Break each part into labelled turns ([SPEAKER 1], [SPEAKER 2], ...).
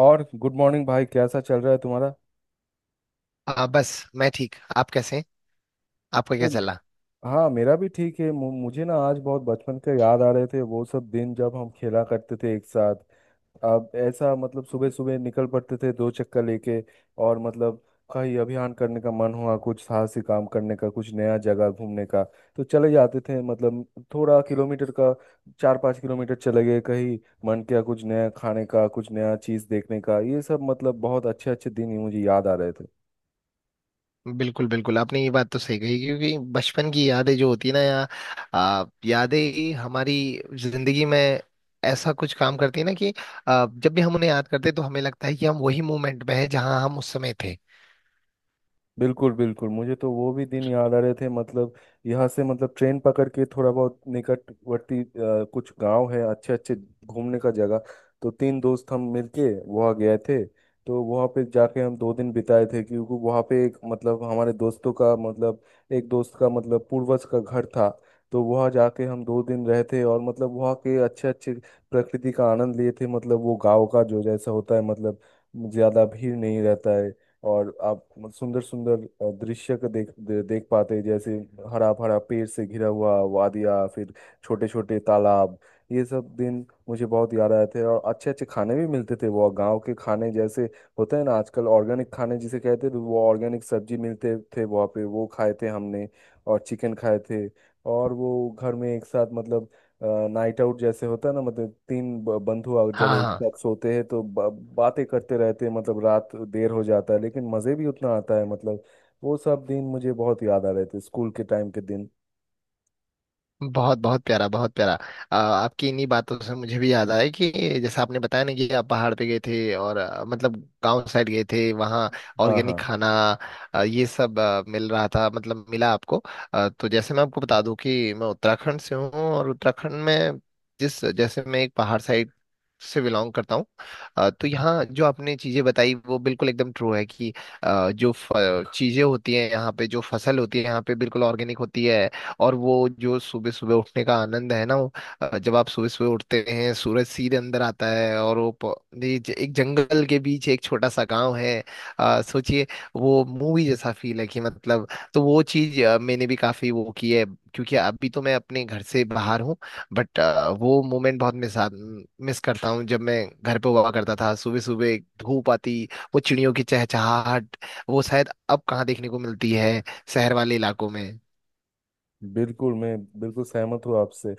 [SPEAKER 1] और good morning भाई, कैसा चल रहा है तुम्हारा?
[SPEAKER 2] हाँ, बस मैं ठीक। आप कैसे हैं? आपका क्या
[SPEAKER 1] हम्म।
[SPEAKER 2] चला?
[SPEAKER 1] हाँ, मेरा भी ठीक है। मुझे ना, आज बहुत बचपन के याद आ रहे थे, वो सब दिन जब हम खेला करते थे एक साथ। अब ऐसा, मतलब सुबह सुबह निकल पड़ते थे, दो चक्कर लेके। और मतलब कहीं अभियान करने का मन हुआ, कुछ साहसी काम करने का, कुछ नया जगह घूमने का, तो चले जाते थे मतलब। थोड़ा किलोमीटर का, चार पाँच किलोमीटर चले गए कहीं। मन किया कुछ नया खाने का, कुछ नया चीज़ देखने का। ये सब मतलब बहुत अच्छे अच्छे दिन ही मुझे याद आ रहे थे।
[SPEAKER 2] बिल्कुल बिल्कुल, आपने ये बात तो सही कही क्योंकि बचपन की यादें जो होती है ना यादें ही हमारी जिंदगी में ऐसा कुछ काम करती है ना कि जब भी हम उन्हें याद करते हैं तो हमें लगता है कि हम वही मोमेंट में हैं जहां हम उस समय थे।
[SPEAKER 1] बिल्कुल बिल्कुल, मुझे तो वो भी दिन याद आ रहे थे मतलब। यहाँ से मतलब ट्रेन पकड़ के थोड़ा बहुत निकटवर्ती कुछ गांव है अच्छे अच्छे, घूमने का जगह। तो तीन दोस्त हम मिलके वहाँ गए थे। तो वहाँ पे जाके हम दो दिन बिताए थे, क्योंकि वहाँ पे एक मतलब हमारे दोस्तों का मतलब एक दोस्त का मतलब पूर्वज का घर था। तो वहाँ जाके हम दो दिन रहे थे, और मतलब वहाँ के अच्छे अच्छे प्रकृति का आनंद लिए थे। मतलब वो गांव का जो जैसा होता है मतलब, ज्यादा भीड़ नहीं रहता है और आप सुंदर सुंदर दृश्य को देख पाते हैं, जैसे हरा भरा पेड़ से घिरा हुआ वादिया, फिर छोटे छोटे तालाब। ये सब दिन मुझे बहुत याद आए थे। और अच्छे अच्छे खाने भी मिलते थे, वो गांव के खाने जैसे होते हैं ना आजकल ऑर्गेनिक खाने जिसे कहते हैं, तो वो ऑर्गेनिक सब्जी मिलते थे वहाँ पे, वो खाए थे हमने। और चिकन खाए थे। और वो घर में एक साथ मतलब नाइट आउट जैसे होता है ना, मतलब तीन बंधु जब
[SPEAKER 2] हाँ
[SPEAKER 1] एक
[SPEAKER 2] हाँ।
[SPEAKER 1] साथ सोते हैं तो बातें करते रहते हैं, मतलब रात देर हो जाता है लेकिन मज़े भी उतना आता है मतलब। वो सब दिन मुझे बहुत याद आ रहे थे, स्कूल के टाइम के दिन।
[SPEAKER 2] बहुत बहुत प्यारा, बहुत प्यारा। आपकी इन्हीं बातों से मुझे भी याद आया कि जैसे आपने बताया ना कि आप पहाड़ पे गए थे और मतलब गांव साइड गए थे वहाँ।
[SPEAKER 1] हाँ, हाँ।
[SPEAKER 2] ऑर्गेनिक खाना, ये सब मिल रहा था मतलब मिला आपको। तो जैसे मैं आपको बता दूं कि मैं उत्तराखंड से हूँ और उत्तराखंड में जिस जैसे मैं एक पहाड़ साइड से बिलोंग करता हूँ। तो यहाँ जो आपने चीजें बताई वो बिल्कुल एकदम ट्रू है कि जो चीजें होती हैं यहाँ पे, जो फसल होती है यहाँ पे बिल्कुल ऑर्गेनिक होती है। और वो जो सुबह सुबह उठने का आनंद है ना, वो जब आप सुबह सुबह उठते हैं सूरज सीधे अंदर आता है, और वो प- ये ज- एक जंगल के बीच एक छोटा सा गांव है। सोचिए, वो मूवी जैसा फील है कि मतलब। तो वो चीज मैंने भी काफी वो की है क्योंकि अभी तो मैं अपने घर से बाहर हूँ। बट वो मोमेंट बहुत मिस मिस करता हूँ जब मैं घर पे हुआ करता था। सुबह सुबह धूप आती, वो चिड़ियों की चहचहाहट, वो शायद अब कहाँ देखने को मिलती है शहर वाले इलाकों में।
[SPEAKER 1] बिल्कुल, मैं बिल्कुल सहमत हूँ आपसे।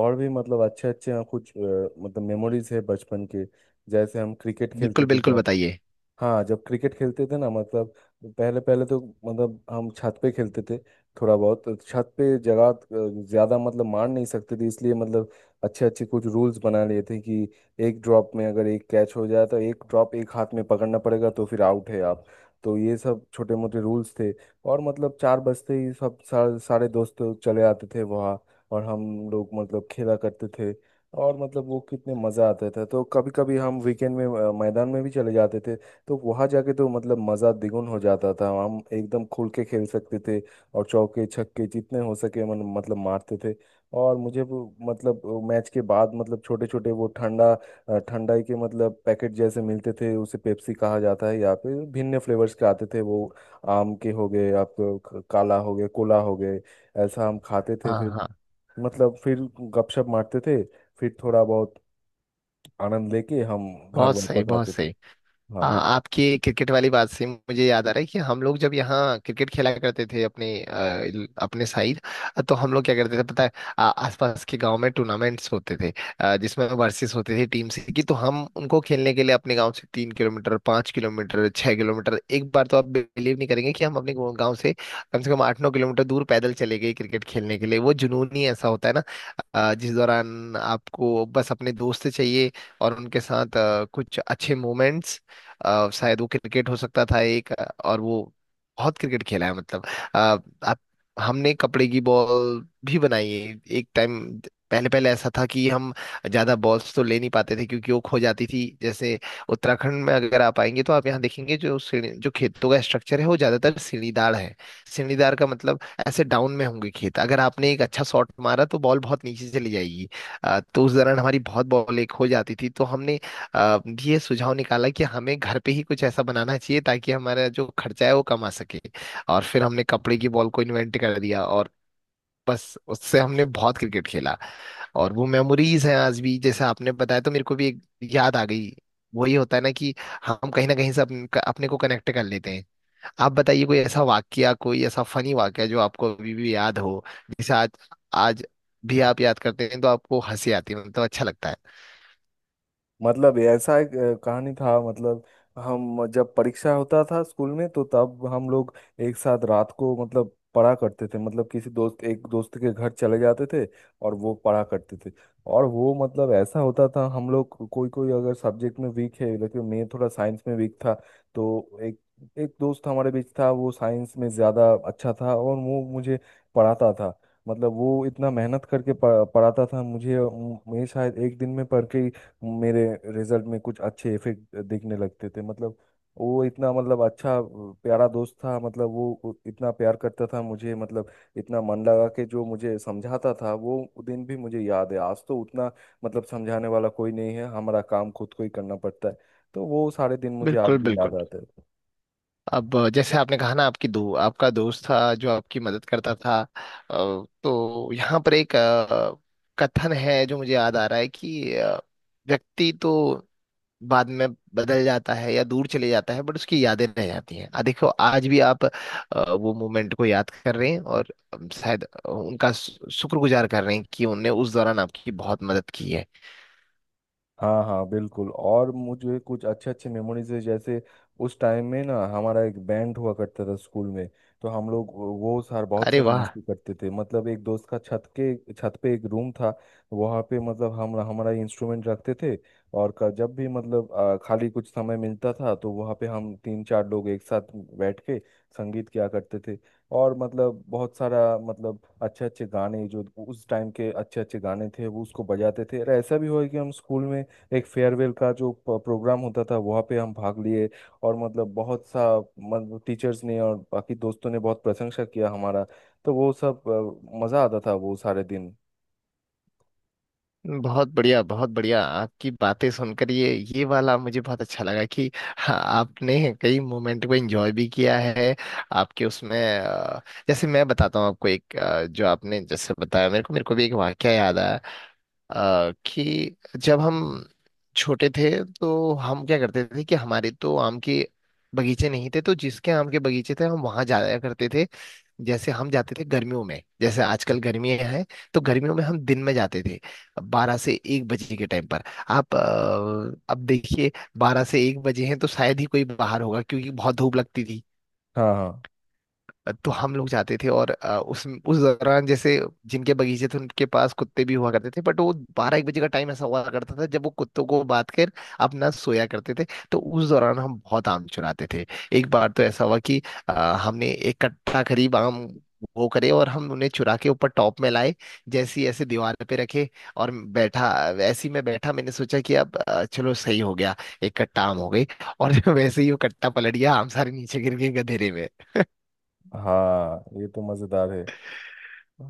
[SPEAKER 1] और भी मतलब अच्छे अच्छे कुछ मतलब मेमोरीज है बचपन के, जैसे हम क्रिकेट
[SPEAKER 2] बिल्कुल
[SPEAKER 1] खेलते थे
[SPEAKER 2] बिल्कुल,
[SPEAKER 1] जब।
[SPEAKER 2] बताइए।
[SPEAKER 1] हाँ, जब क्रिकेट खेलते थे ना मतलब पहले पहले तो, मतलब हम छत पे खेलते थे। थोड़ा बहुत तो छत पे जगह ज्यादा मतलब मार नहीं सकते थे, इसलिए मतलब अच्छे अच्छे कुछ रूल्स बना लिए थे कि एक ड्रॉप में अगर एक कैच हो जाए तो एक ड्रॉप एक हाथ में पकड़ना पड़ेगा, तो फिर आउट है आप। तो ये सब छोटे मोटे रूल्स थे। और मतलब चार बजते ही सब सारे सारे दोस्त चले आते थे वहाँ, और हम लोग मतलब खेला करते थे। और मतलब वो कितने मजा आता था। तो कभी कभी हम वीकेंड में मैदान में भी चले जाते थे। तो वहां जाके तो मतलब मजा द्विगुन हो जाता था, हम एकदम खुल के खेल सकते थे और चौके छक्के जितने हो सके मन मतलब मारते थे। और मुझे वो मतलब मैच के बाद मतलब छोटे छोटे वो ठंडाई के मतलब पैकेट जैसे मिलते थे, उसे पेप्सी कहा जाता है यहाँ पे। भिन्न फ्लेवर्स के आते थे वो, आम के हो गए, आपको काला हो गए, कोला हो गए। ऐसा हम खाते थे।
[SPEAKER 2] हाँ
[SPEAKER 1] फिर
[SPEAKER 2] हाँ।
[SPEAKER 1] मतलब फिर गपशप मारते थे। फिर थोड़ा बहुत आनंद लेके हम घर
[SPEAKER 2] बहुत सही,
[SPEAKER 1] वापस
[SPEAKER 2] बहुत
[SPEAKER 1] आते थे।
[SPEAKER 2] सही। हाँ,
[SPEAKER 1] हाँ।
[SPEAKER 2] आपकी क्रिकेट वाली बात से मुझे याद आ रहा है कि हम लोग जब यहाँ क्रिकेट खेला करते थे अपने साइड। तो हम लोग क्या करते थे पता है, आसपास के गांव में टूर्नामेंट्स होते थे। जिसमें वर्सेस होते थे टीम से की, तो हम उनको खेलने के लिए अपने गांव से 3 किलोमीटर, 5 किलोमीटर, 6 किलोमीटर, एक बार तो आप बिलीव नहीं करेंगे कि हम अपने गांव गांव से कम 8-9 किलोमीटर दूर पैदल चले गए क्रिकेट खेलने के लिए। वो जुनून ही ऐसा होता है ना। जिस दौरान आपको बस अपने दोस्त चाहिए और उनके साथ कुछ अच्छे मोमेंट्स। शायद वो क्रिकेट हो सकता था एक। और वो बहुत क्रिकेट खेला है मतलब। अ, आप, हमने कपड़े की बॉल भी बनाई है एक टाइम। पहले पहले ऐसा था कि हम ज्यादा बॉल्स तो ले नहीं पाते थे क्योंकि वो खो जाती थी। जैसे उत्तराखंड में अगर आप आएंगे तो आप यहाँ देखेंगे, जो सीढ़ी जो खेतों का स्ट्रक्चर है वो ज्यादातर सीढ़ीदार है। सीढ़ीदार का मतलब ऐसे डाउन में होंगे खेत, अगर आपने एक अच्छा शॉट मारा तो बॉल बहुत नीचे चली जाएगी। तो उस दौरान हमारी बहुत बॉलें खो जाती थी, तो हमने आ, ये सुझाव निकाला कि हमें घर पे ही कुछ ऐसा बनाना चाहिए ताकि हमारा जो खर्चा है वो कम आ सके। और फिर हमने कपड़े की बॉल को इन्वेंट कर दिया, और बस उससे हमने बहुत क्रिकेट खेला। और वो मेमोरीज हैं आज भी, जैसे आपने बताया तो मेरे को भी एक याद आ गई। वही होता है ना कि हम कहीं ना कहीं से अपने को कनेक्ट कर लेते हैं। आप बताइए कोई ऐसा वाकया, कोई ऐसा फनी वाकया जो आपको अभी भी याद हो, जिसे आज आज भी आप याद करते हैं तो आपको हंसी आती है, मतलब अच्छा लगता है।
[SPEAKER 1] मतलब ऐसा एक कहानी था, मतलब हम जब परीक्षा होता था स्कूल में तो तब हम लोग एक साथ रात को मतलब पढ़ा करते थे। मतलब किसी दोस्त एक दोस्त के घर चले जाते थे और वो पढ़ा करते थे। और वो मतलब ऐसा होता था हम लोग कोई कोई अगर सब्जेक्ट में वीक है, लेकिन मैं थोड़ा साइंस में वीक था। तो एक, एक दोस्त हमारे बीच था, वो साइंस में ज़्यादा अच्छा था और वो मुझे पढ़ाता था। मतलब वो इतना मेहनत करके पढ़ाता था मुझे। मैं शायद एक दिन में पढ़ के ही मेरे रिजल्ट में कुछ अच्छे इफेक्ट दिखने लगते थे। मतलब वो इतना मतलब अच्छा प्यारा दोस्त था, मतलब वो इतना प्यार करता था मुझे, मतलब इतना मन लगा के जो मुझे समझाता था। वो दिन भी मुझे याद है। आज तो उतना मतलब समझाने वाला कोई नहीं है, हमारा काम खुद को ही करना पड़ता है। तो वो सारे दिन मुझे आज
[SPEAKER 2] बिल्कुल
[SPEAKER 1] भी याद
[SPEAKER 2] बिल्कुल।
[SPEAKER 1] आते हैं।
[SPEAKER 2] अब जैसे आपने कहा ना, आपकी दो आपका दोस्त था जो आपकी मदद करता था। तो यहाँ पर एक कथन है जो मुझे याद आ रहा है कि व्यक्ति तो बाद में बदल जाता है या दूर चले जाता है, बट उसकी यादें रह जाती हैं। आ देखो, आज भी आप वो मोमेंट को याद कर रहे हैं और शायद उनका शुक्रगुजार कर रहे हैं कि उनने उस दौरान आपकी बहुत मदद की है।
[SPEAKER 1] हाँ, हाँ, बिल्कुल। और मुझे कुछ अच्छे अच्छे मेमोरीज है जैसे उस टाइम में ना हमारा एक बैंड हुआ करता था स्कूल में। तो हम लोग वो सार बहुत
[SPEAKER 2] अरे
[SPEAKER 1] सारा
[SPEAKER 2] वाह,
[SPEAKER 1] मस्ती करते थे मतलब। एक दोस्त का छत के छत पे एक रूम था, वहाँ पे मतलब हम हमारा इंस्ट्रूमेंट रखते थे। और जब भी मतलब खाली कुछ समय मिलता था तो वहाँ पे हम तीन चार लोग एक साथ बैठ के संगीत किया करते थे। और मतलब बहुत सारा मतलब अच्छे अच्छे गाने जो उस टाइम के अच्छे अच्छे गाने थे, वो उसको बजाते थे। और ऐसा भी हुआ है कि हम स्कूल में एक फेयरवेल का जो प्रोग्राम होता था, वहाँ पे हम भाग लिए। और मतलब बहुत सा मतलब टीचर्स ने और बाकी दोस्तों ने बहुत प्रशंसा किया हमारा। तो वो सब मज़ा आता था, वो सारे दिन।
[SPEAKER 2] बहुत बढ़िया, बहुत बढ़िया। आपकी बातें सुनकर ये वाला मुझे बहुत अच्छा लगा कि हाँ, आपने कई मोमेंट को एंजॉय भी किया है आपके उसमें। जैसे मैं बताता हूँ आपको एक। जो आपने जैसे बताया, मेरे को भी एक वाकया याद आया। कि जब हम छोटे थे तो हम क्या करते थे कि हमारे तो आम के बगीचे नहीं थे, तो जिसके आम के बगीचे थे हम वहां जाया करते थे। जैसे हम जाते थे गर्मियों में, जैसे आजकल गर्मियां हैं, तो गर्मियों में हम दिन में जाते थे, 12 से 1 बजे के टाइम पर। आप, अब देखिए, 12 से 1 बजे हैं तो शायद ही कोई बाहर होगा क्योंकि बहुत धूप लगती थी।
[SPEAKER 1] हाँ, हाँ,
[SPEAKER 2] तो हम लोग जाते थे और उस दौरान, जैसे जिनके बगीचे थे उनके पास कुत्ते भी हुआ करते थे, बट वो 12-1 बजे का टाइम ऐसा हुआ करता था जब वो कुत्तों को बांध कर अपना सोया करते थे। तो उस दौरान हम बहुत आम चुराते थे। एक बार तो ऐसा हुआ कि अ, हमने एक कट्टा करीब आम वो करे, और हम उन्हें चुरा के ऊपर टॉप में लाए, जैसी ऐसे दीवार पे रखे, और बैठा, ऐसी मैं बैठा, मैंने सोचा कि अब चलो सही हो गया, एक कट्टा आम हो गई। और वैसे ही वो कट्टा पलट गया, आम सारे नीचे गिर गए गधेरे में।
[SPEAKER 1] हाँ, ये तो मज़ेदार है।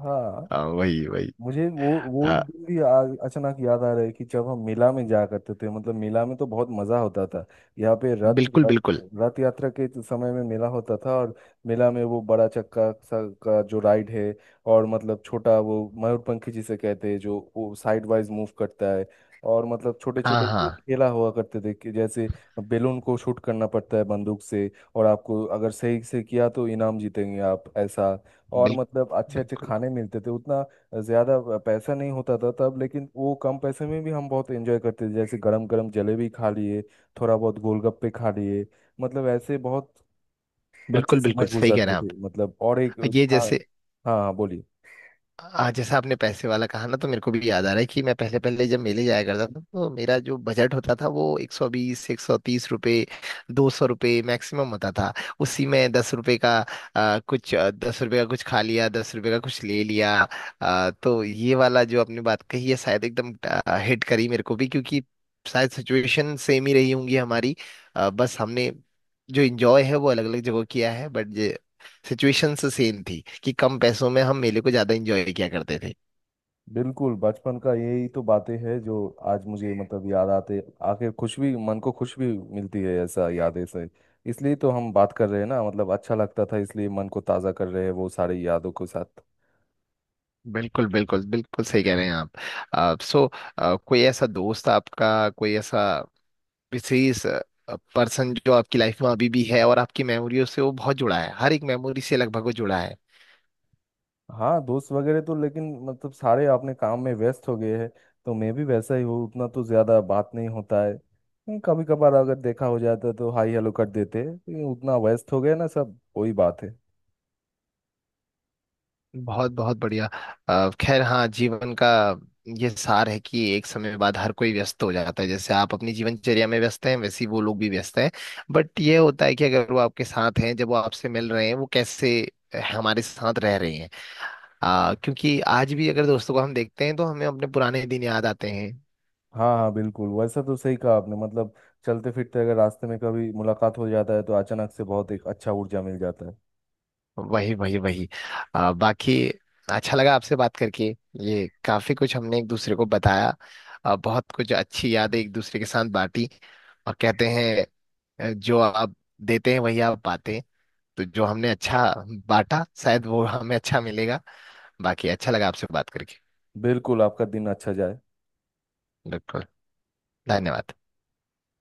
[SPEAKER 1] हाँ।
[SPEAKER 2] हाँ, वही वही।
[SPEAKER 1] मुझे वो
[SPEAKER 2] आ,
[SPEAKER 1] दिन भी अचानक याद आ रहा है कि जब हम मेला में जाया करते थे। मतलब मेला में तो बहुत मजा होता था। यहाँ पे रथ
[SPEAKER 2] बिल्कुल
[SPEAKER 1] रथ
[SPEAKER 2] बिल्कुल।
[SPEAKER 1] रथ यात्रा के समय में मेला होता था, और मेला में वो बड़ा चक्का सा का जो राइड है, और मतलब छोटा वो मयूरपंखी जिसे कहते हैं जो वो साइड वाइज मूव करता है। और मतलब छोटे
[SPEAKER 2] हाँ
[SPEAKER 1] छोटे
[SPEAKER 2] हाँ।
[SPEAKER 1] खेला हुआ करते थे, कि जैसे बेलून को शूट करना पड़ता है बंदूक से, और आपको अगर सही से किया तो इनाम जीतेंगे आप, ऐसा। और
[SPEAKER 2] बिल,
[SPEAKER 1] मतलब अच्छे अच्छे
[SPEAKER 2] बिल्कुल
[SPEAKER 1] खाने मिलते थे। उतना ज़्यादा पैसा नहीं होता था तब, लेकिन वो कम पैसे में भी हम बहुत एंजॉय करते थे, जैसे गरम गरम जलेबी खा लिए, थोड़ा बहुत गोलगप्पे खा लिए। मतलब ऐसे बहुत अच्छे
[SPEAKER 2] बिल्कुल,
[SPEAKER 1] समय
[SPEAKER 2] बिल्कुल सही कह रहे
[SPEAKER 1] गुजारते
[SPEAKER 2] हैं आप।
[SPEAKER 1] थे मतलब। और एक
[SPEAKER 2] ये
[SPEAKER 1] था। हाँ,
[SPEAKER 2] जैसे,
[SPEAKER 1] हाँ, बोलिए।
[SPEAKER 2] आज जैसे आपने पैसे वाला कहा ना, तो मेरे को भी याद आ रहा है कि मैं पहले पहले जब मेले जाया करता था तो मेरा जो बजट होता था वो 120, 130 रुपये, 200 रुपये मैक्सिमम होता था। उसी में 10 रुपये का कुछ, 10 रुपये का कुछ खा लिया, 10 रुपये का कुछ ले लिया। तो ये वाला जो आपने बात कही है शायद एकदम हिट करी मेरे को भी क्योंकि शायद सिचुएशन सेम ही रही होंगी हमारी। बस हमने जो इंजॉय है वो अलग अलग जगह किया है, बट सिचुएशन से सेम थी कि कम पैसों में हम मेले को ज्यादा एंजॉय किया करते थे।
[SPEAKER 1] बिल्कुल, बचपन का यही तो बातें हैं जो आज मुझे मतलब याद आते, आके खुश भी, मन को खुश भी मिलती है ऐसा यादें से। इसलिए तो हम बात कर रहे हैं ना, मतलब अच्छा लगता था इसलिए मन को ताज़ा कर रहे हैं वो सारी यादों के साथ।
[SPEAKER 2] बिल्कुल बिल्कुल, बिल्कुल सही कह रहे हैं आप। सो, कोई ऐसा दोस्त आपका, कोई ऐसा विशेष पर्सन जो आपकी लाइफ में अभी भी है और आपकी मेमोरियों से वो बहुत जुड़ा है, हर एक मेमोरी से लगभग वो जुड़ा है?
[SPEAKER 1] हाँ, दोस्त वगैरह तो, लेकिन मतलब सारे अपने काम में व्यस्त हो गए हैं। तो मैं भी वैसा ही हूँ, उतना तो ज्यादा बात नहीं होता है। नहीं, कभी कभार अगर देखा हो जाता तो हाई हेलो कर देते हैं, लेकिन उतना व्यस्त हो गए ना सब, वही बात है।
[SPEAKER 2] बहुत बहुत बढ़िया। खैर, हाँ, जीवन का ये सार है कि एक समय बाद हर कोई व्यस्त हो जाता है। जैसे आप अपनी जीवनचर्या में व्यस्त हैं, वैसे ही वो लोग भी व्यस्त हैं। बट ये होता है कि अगर वो आपके साथ हैं, जब वो आपसे मिल रहे हैं, वो कैसे हमारे साथ रह रहे हैं। क्योंकि आज भी अगर दोस्तों को हम देखते हैं तो हमें अपने पुराने दिन याद आते हैं।
[SPEAKER 1] हाँ, हाँ, बिल्कुल। वैसा तो सही कहा आपने, मतलब चलते फिरते अगर रास्ते में कभी मुलाकात हो जाता है तो अचानक से बहुत एक अच्छा ऊर्जा मिल जाता है।
[SPEAKER 2] वही वही वही। बाकी, अच्छा लगा आपसे बात करके। ये काफी कुछ हमने एक दूसरे को बताया, बहुत कुछ अच्छी यादें एक दूसरे के साथ बांटी। और कहते हैं, जो आप देते हैं वही आप पाते हैं। तो जो हमने अच्छा बांटा शायद वो हमें अच्छा मिलेगा। बाकी अच्छा लगा आपसे बात करके।
[SPEAKER 1] बिल्कुल, आपका दिन अच्छा जाए।
[SPEAKER 2] बिल्कुल। धन्यवाद।